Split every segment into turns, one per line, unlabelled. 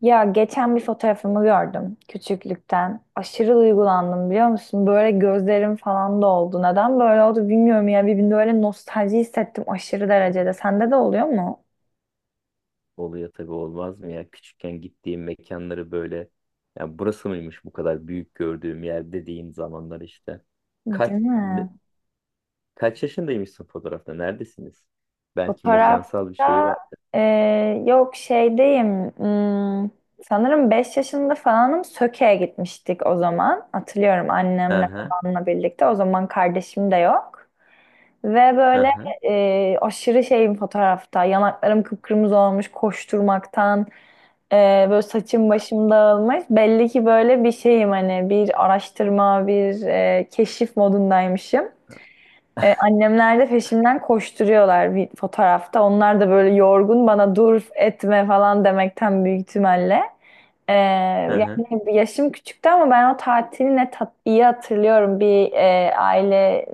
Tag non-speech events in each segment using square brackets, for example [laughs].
Ya geçen bir fotoğrafımı gördüm küçüklükten. Aşırı duygulandım biliyor musun? Böyle gözlerim falan doldu. Neden böyle oldu bilmiyorum ya. Bir böyle nostalji hissettim aşırı derecede. Sende de oluyor mu?
Oluyor tabii olmaz mı ya? Küçükken gittiğim mekanları böyle ya burası mıymış bu kadar büyük gördüğüm yer dediğim zamanlar işte. Kaç
Değil
ne-
mi?
Kaç yaşındaymışsın fotoğrafta? Neredesiniz? Belki mekansal bir şeyi
Fotoğrafta
var.
e, yok şeydeyim. Hmm, Sanırım 5 yaşında falanım Söke'ye gitmiştik o zaman. Hatırlıyorum
Hı
annemle
hı.
babamla birlikte. O zaman kardeşim de yok. Ve
Hı
böyle
hı.
aşırı şeyim fotoğrafta. Yanaklarım kıpkırmızı olmuş koşturmaktan. E, Böyle saçım başım dağılmış. Belli ki böyle bir şeyim hani bir araştırma, bir keşif modundaymışım.
[laughs]
Annemler de peşimden koşturuyorlar bir fotoğrafta. Onlar da böyle yorgun bana dur etme falan demekten büyük ihtimalle.
Hı hı.
Yani yaşım küçüktü ama ben o tatili ne tat iyi hatırlıyorum. Bir aile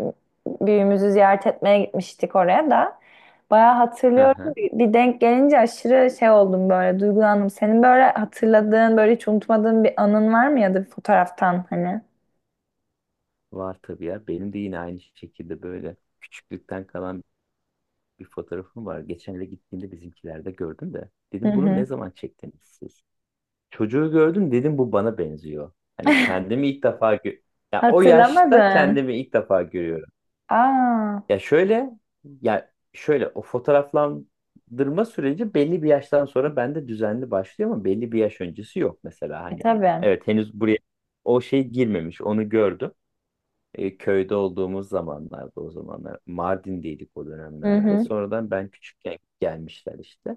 büyüğümüzü ziyaret etmeye gitmiştik oraya da. Bayağı
Hı
hatırlıyorum.
hı.
Bir denk gelince aşırı şey oldum böyle duygulandım. Senin böyle hatırladığın böyle hiç unutmadığın bir anın var mı ya da bir fotoğraftan hani?
Var tabii ya. Benim de yine aynı şekilde böyle küçüklükten kalan bir fotoğrafım var. Geçen de gittiğimde bizimkilerde gördüm de.
Hı
Dedim bunu ne
hı.
zaman çektiniz siz? Çocuğu gördüm dedim bu bana benziyor. Hani
[laughs]
kendimi ilk defa gö- Ya o yaşta
Hatırlamadın.
kendimi ilk defa görüyorum.
Aa,
Ya şöyle ya şöyle o fotoğraflandırma süreci belli bir yaştan sonra bende düzenli başlıyor ama belli bir yaş öncesi yok mesela hani.
tabii.
Evet henüz buraya o şey girmemiş onu gördüm. Köyde olduğumuz zamanlarda o zamanlar Mardin'deydik o
Hı
dönemlerde.
hı.
Sonradan ben küçükken gelmişler işte.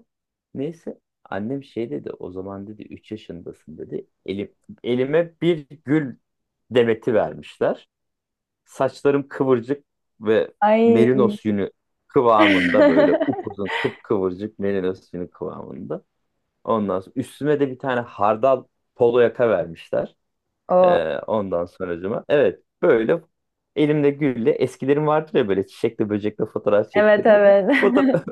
Neyse annem şey dedi o zaman dedi 3 yaşındasın dedi. Elime bir gül demeti vermişler. Saçlarım kıvırcık ve
Ay.
merinos yünü kıvamında böyle
[laughs]
upuzun kıpkıvırcık merinos yünü kıvamında. Ondan sonra üstüme de bir tane hardal polo yaka vermişler.
O.
Ondan sonracıma. Evet böyle elimde gülle eskilerim vardır ya böyle çiçekle böcekle fotoğraf
Evet,
çektirir.
evet.
Fotoğraf,
[laughs]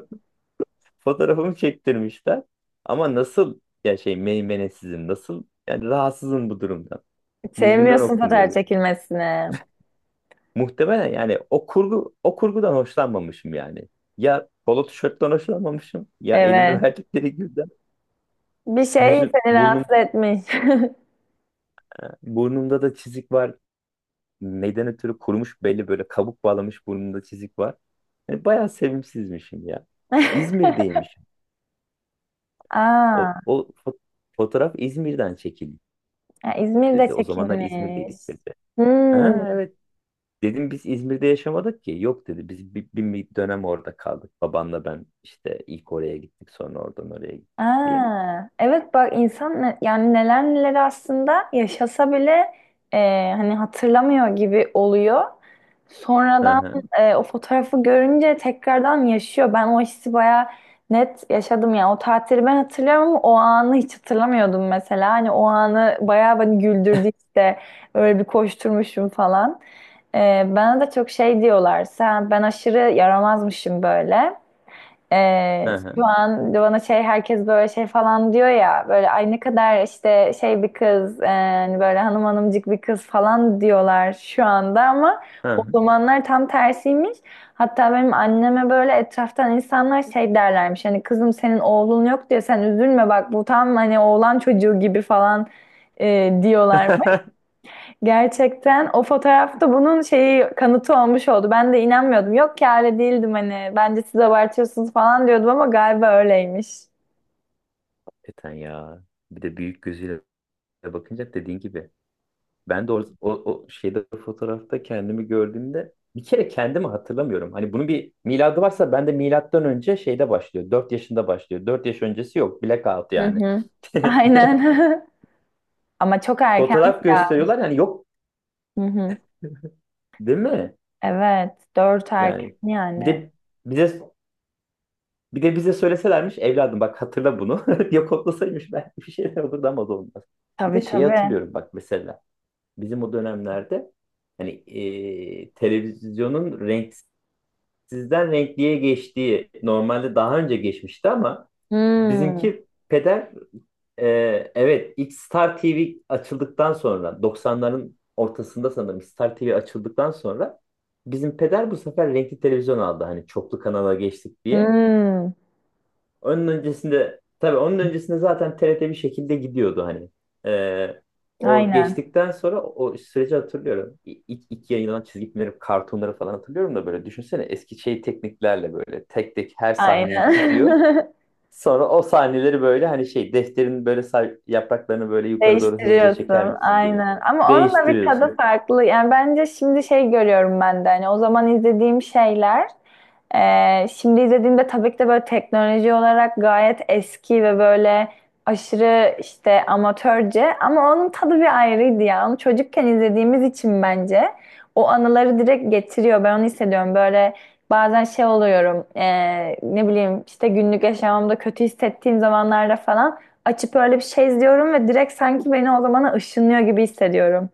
[laughs] fotoğrafımı çektirmişler. Ama nasıl ya şey meymenesizim nasıl yani rahatsızım bu durumdan. Yüzümden
Sevmiyorsun fotoğraf
okunuyor.
çekilmesini.
Muhtemelen yani o kurgudan hoşlanmamışım yani. Ya polo tişörtten hoşlanmamışım ya elime [laughs]
Evet.
verdikleri gülden
Bir şey
yüzüm
seni rahatsız etmiş.
burnumda da çizik var neyden ötürü kurumuş belli böyle kabuk bağlamış burnunda çizik var. Yani bayağı sevimsizmişim ya.
[laughs]
İzmir'deymişim. O,
Aa,
o fo- Fotoğraf İzmir'den çekildi
ya İzmir'de
dedi. O zamanlar
çekilmiş.
İzmir'deydik dedi. Ha,
Hmm.
evet dedim biz İzmir'de yaşamadık ki. Yok dedi biz bir dönem orada kaldık. Babanla ben işte ilk oraya gittik sonra oradan oraya gittik diye.
Aa, evet, bak insan yani neler neler aslında yaşasa bile e, hani hatırlamıyor gibi oluyor.
Hı
Sonradan
hı
o fotoğrafı görünce tekrardan yaşıyor. Ben o hissi bayağı net yaşadım yani. O tatili ben hatırlıyorum ama o anı hiç hatırlamıyordum mesela. Hani o anı bayağı beni güldürdü işte. Öyle bir koşturmuşum falan. Bana da çok şey diyorlar. Sen ben aşırı yaramazmışım böyle.
hı
Şu
hı.
an bana şey herkes böyle şey falan diyor ya, böyle ay ne kadar işte şey bir kız hani böyle hanım hanımcık bir kız falan diyorlar şu anda ama
Hı
o
hı.
zamanlar tam tersiymiş. Hatta benim anneme böyle etraftan insanlar şey derlermiş, hani kızım senin oğlun yok diye sen üzülme bak, bu tam hani oğlan çocuğu gibi falan diyorlar.
[laughs]
Gerçekten o fotoğrafta bunun şeyi, kanıtı olmuş oldu. Ben de inanmıyordum. Yok ki, öyle değildim hani. Bence siz abartıyorsunuz falan diyordum ama galiba öyleymiş.
Eten ya. Bir de büyük gözüyle bakınca dediğin gibi ben de o, o, o şeyde fotoğrafta kendimi gördüğümde bir kere kendimi hatırlamıyorum. Hani bunun bir miladı varsa ben de milattan önce şeyde başlıyor. 4 yaşında başlıyor. 4 yaş öncesi yok. Blackout
Hı
yani.
hı.
[laughs]
Aynen. [laughs] Ama çok erken
Fotoğraf
ya.
gösteriyorlar yani yok
Hı hı.
değil mi?
Evet. 4 erken
Yani bir
yani.
de bize bir de bize söyleselermiş evladım bak hatırla bunu. [laughs] Ya kodlasaymış belki [laughs] bir şeyler olurdu ama o da olmaz. Bir de
Tabii,
şeyi
tabii.
hatırlıyorum bak mesela bizim o dönemlerde hani televizyonun renk sizden renkliye geçtiği normalde daha önce geçmişti ama
Hmm.
bizimki peder e, evet ilk Star TV açıldıktan sonra 90ların ortasında sanırım Star TV açıldıktan sonra bizim peder bu sefer renkli televizyon aldı hani çoklu kanala geçtik diye.
Hmm.
Onun öncesinde tabii onun öncesinde zaten TRT bir şekilde gidiyordu hani. Ee, O
Aynen.
geçtikten sonra o süreci hatırlıyorum. İlk yayınlanan çizgi filmleri, kartonları falan hatırlıyorum da böyle düşünsene eski şey tekniklerle böyle tek tek her sahneyi
Aynen.
çiziyor.
[laughs]
Sonra o sahneleri böyle hani şey defterin böyle yapraklarını böyle yukarı doğru hızlıca çeker
Değiştiriyorsun
misin gibi
aynen ama onun da bir tadı
değiştiriyorsun.
farklı yani, bence şimdi şey görüyorum ben de hani o zaman izlediğim şeyler şimdi izlediğimde tabii ki de böyle teknoloji olarak gayet eski ve böyle aşırı işte amatörce, ama onun tadı bir ayrıydı ya. Onu çocukken izlediğimiz için bence o anıları direkt getiriyor. Ben onu hissediyorum. Böyle bazen şey oluyorum ne bileyim işte günlük yaşamımda kötü hissettiğim zamanlarda falan açıp öyle bir şey izliyorum ve direkt sanki beni o zamana ışınlıyor gibi hissediyorum.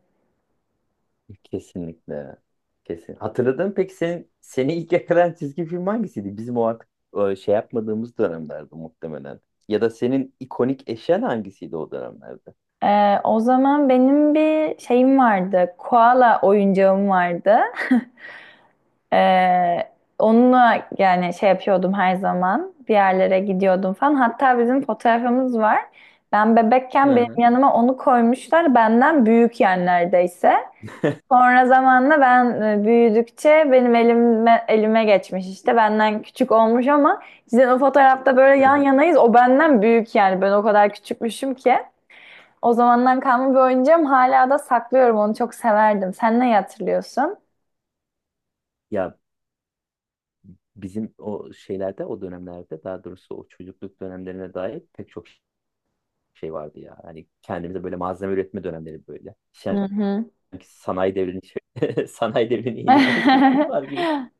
Kesinlikle. Kesin. Hatırladın mı peki seni ilk yakalayan çizgi film hangisiydi? Bizim o artık şey yapmadığımız dönemlerde muhtemelen. Ya da senin ikonik eşyan hangisiydi o dönemlerde?
O zaman benim bir şeyim vardı. Koala oyuncağım vardı. Ee, Onunla yani şey yapıyordum her zaman. Bir yerlere gidiyordum falan. Hatta bizim fotoğrafımız var. Ben
Hı
bebekken benim
hı.
yanıma onu koymuşlar. Benden büyük yani, neredeyse.
[laughs]
Sonra zamanla ben büyüdükçe benim elime geçmiş işte. Benden küçük olmuş ama sizin o fotoğrafta böyle
Hı
yan
hı.
yanayız. O benden büyük yani. Ben o kadar küçükmüşüm ki. O zamandan kalma bir oyuncağım. Hala da saklıyorum. Onu çok severdim. Sen ne hatırlıyorsun?
Ya bizim o şeylerde o dönemlerde daha doğrusu o çocukluk dönemlerine dair pek çok şey vardı ya. Hani kendimize böyle malzeme üretme dönemleri böyle.
Hı
Sanki
hı.
[laughs] sanayi devrinin yeni girmiş toplumlar gibi.
[laughs]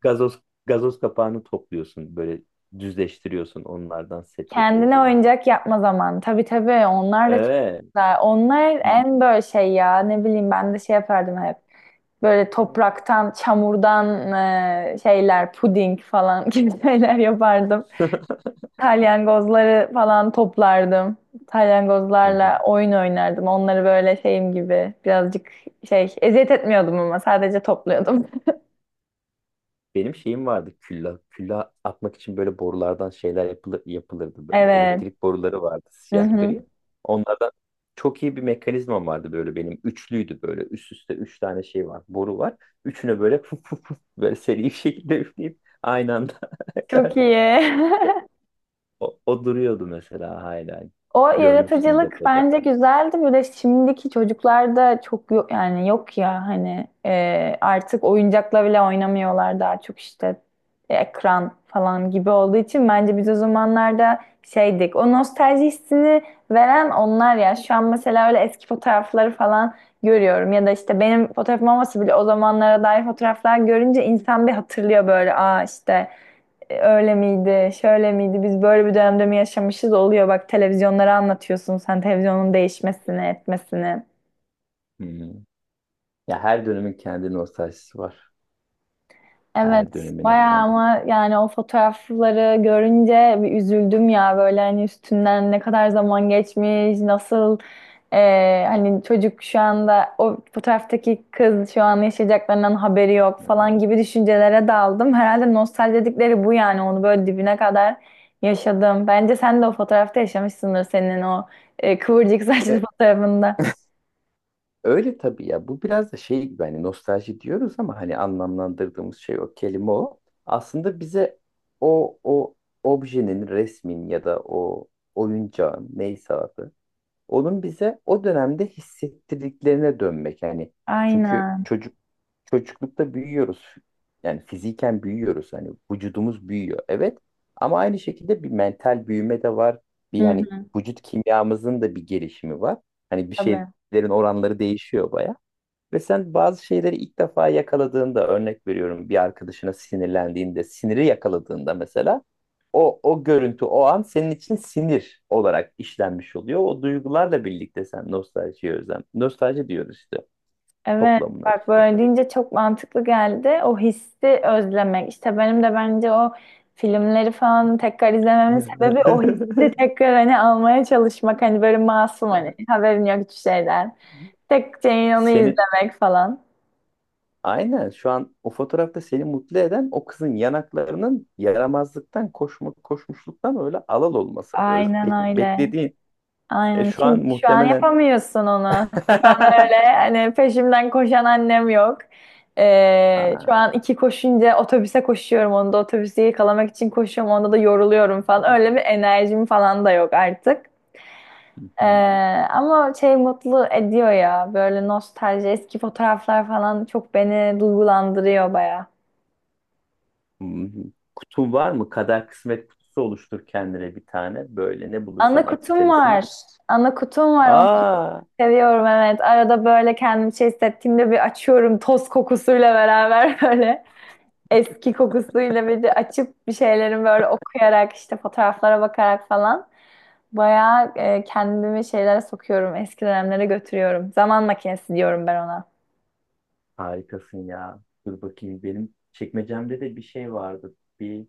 Gazoz kapağını topluyorsun böyle düzleştiriyorsun onlardan set
Kendine
yapıyorsun.
oyuncak yapma zaman. Tabii, tabii, onlar da çok
Evet.
güzel. Onlar
Bir...
en böyle şey ya, ne bileyim, ben de şey yapardım hep. Böyle topraktan, çamurdan şeyler, puding falan [laughs] gibi şeyler yapardım.
[laughs]
Salyangozları falan toplardım.
Hı hı.
Salyangozlarla oyun oynardım. Onları böyle şeyim gibi birazcık şey, eziyet etmiyordum ama sadece topluyordum. [laughs]
Benim şeyim vardı külla. Külla atmak için böyle borulardan şeyler yapılırdı böyle.
Evet.
Elektrik boruları vardı
Hı
siyah
hı.
gri. Onlardan çok iyi bir mekanizmam vardı böyle benim. Üçlüydü böyle. Üst üste üç tane şey var. Boru var. Üçüne böyle [laughs] fuf fuf fuf böyle seri bir şekilde üfleyip aynı anda.
Çok
[laughs]
iyi.
o-
[laughs]
O, o duruyordu mesela hala.
O
Görmüştüm
yaratıcılık
depoda.
bence güzeldi. Bir de şimdiki çocuklarda çok yok yani, yok ya hani artık oyuncakla bile oynamıyorlar, daha çok işte ekran falan gibi olduğu için bence biz o zamanlarda şeydik. O nostalji hissini veren onlar ya. Şu an mesela öyle eski fotoğrafları falan görüyorum ya da işte benim fotoğrafım olmasa bile o zamanlara dair fotoğraflar görünce insan bir hatırlıyor böyle, aa işte öyle miydi, şöyle miydi, biz böyle bir dönemde mi yaşamışız oluyor. Bak televizyonlara anlatıyorsun sen televizyonun değişmesini, etmesini.
Hı hı. Ya her dönemin kendi nostaljisi var.
Evet,
Her dönemin
bayağı,
efendim.
ama yani o fotoğrafları görünce bir üzüldüm ya böyle, hani üstünden ne kadar zaman geçmiş, nasıl hani çocuk şu anda, o fotoğraftaki kız şu an yaşayacaklarından haberi yok
Hı.
falan gibi düşüncelere daldım. Herhalde nostalji dedikleri bu yani, onu böyle dibine kadar yaşadım. Bence sen de o fotoğrafta yaşamışsındır senin o kıvırcık [laughs] saçlı
E,
fotoğrafında.
Öyle tabii ya. Bu biraz da şey gibi hani nostalji diyoruz ama hani anlamlandırdığımız şey o kelime o. Aslında bize o objenin, resmin ya da o oyuncağın neyse adı onun bize o dönemde hissettirdiklerine dönmek. Yani çünkü
Aynen.
çocuklukta büyüyoruz. Yani fiziken büyüyoruz. Hani vücudumuz büyüyor. Evet. Ama aynı şekilde bir mental büyüme de var. Bir
Hı
hani
hı.
vücut kimyamızın da bir gelişimi var. Hani bir
Tabii.
şeylerin oranları değişiyor baya. Ve sen bazı şeyleri ilk defa yakaladığında örnek veriyorum bir arkadaşına sinirlendiğinde, siniri yakaladığında mesela o görüntü o an senin için sinir olarak işlenmiş oluyor. O duygularla birlikte sen nostaljiye özlem. Nostalji diyoruz işte
Evet,
toplamına
bak
işte.
böyle deyince çok mantıklı geldi. O hissi özlemek. İşte benim de bence o filmleri falan tekrar izlememin sebebi o hissi
[laughs]
tekrar hani almaya çalışmak. Hani böyle masum, hani haberin yok hiçbir şeyden. Tek şeyin onu
Seni
izlemek falan.
aynen şu an o fotoğrafta seni mutlu eden o kızın yanaklarının yaramazlıktan koşmuşluktan öyle alal olması.
Aynen öyle.
Beklediğin
Aynen.
şu an
Çünkü şu an
muhtemelen
yapamıyorsun onu. Şu an öyle
[laughs]
hani peşimden koşan annem yok. Şu
Aa,
an iki koşunca otobüse koşuyorum. Onda otobüsü yakalamak için koşuyorum. Onda da yoruluyorum
hı
falan. Öyle bir enerjim falan da yok artık. Ee,
hı.
Ama şey mutlu ediyor ya. Böyle nostalji, eski fotoğraflar falan çok beni duygulandırıyor baya.
Hı hı. Kutun var mı? Kader kısmet kutusu oluştur kendine bir tane. Böyle ne
Ana
bulursan at
kutum
içerisine.
var. Ana kutum var.
Aa,
Seviyorum, evet. Arada böyle kendim şey hissettiğimde bir açıyorum, toz kokusuyla beraber [laughs] böyle eski kokusuyla bir de açıp bir şeylerin böyle okuyarak işte, fotoğraflara bakarak falan bayağı kendimi şeylere sokuyorum. Eski dönemlere götürüyorum. Zaman makinesi diyorum ben ona.
harikasın ya. Dur bakayım benim çekmecemde de bir şey vardı. Bir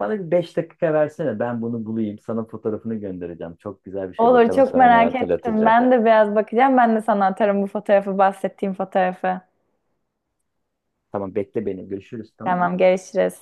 Bana bir 5 dakika versene. Ben bunu bulayım. Sana fotoğrafını göndereceğim. Çok güzel bir şey.
Olur,
Bakalım
çok
sana ne
merak ettim.
hatırlatacak.
Ben de biraz bakacağım. Ben de sana atarım bu fotoğrafı, bahsettiğim fotoğrafı.
Tamam bekle beni. Görüşürüz tamam.
Tamam, görüşürüz.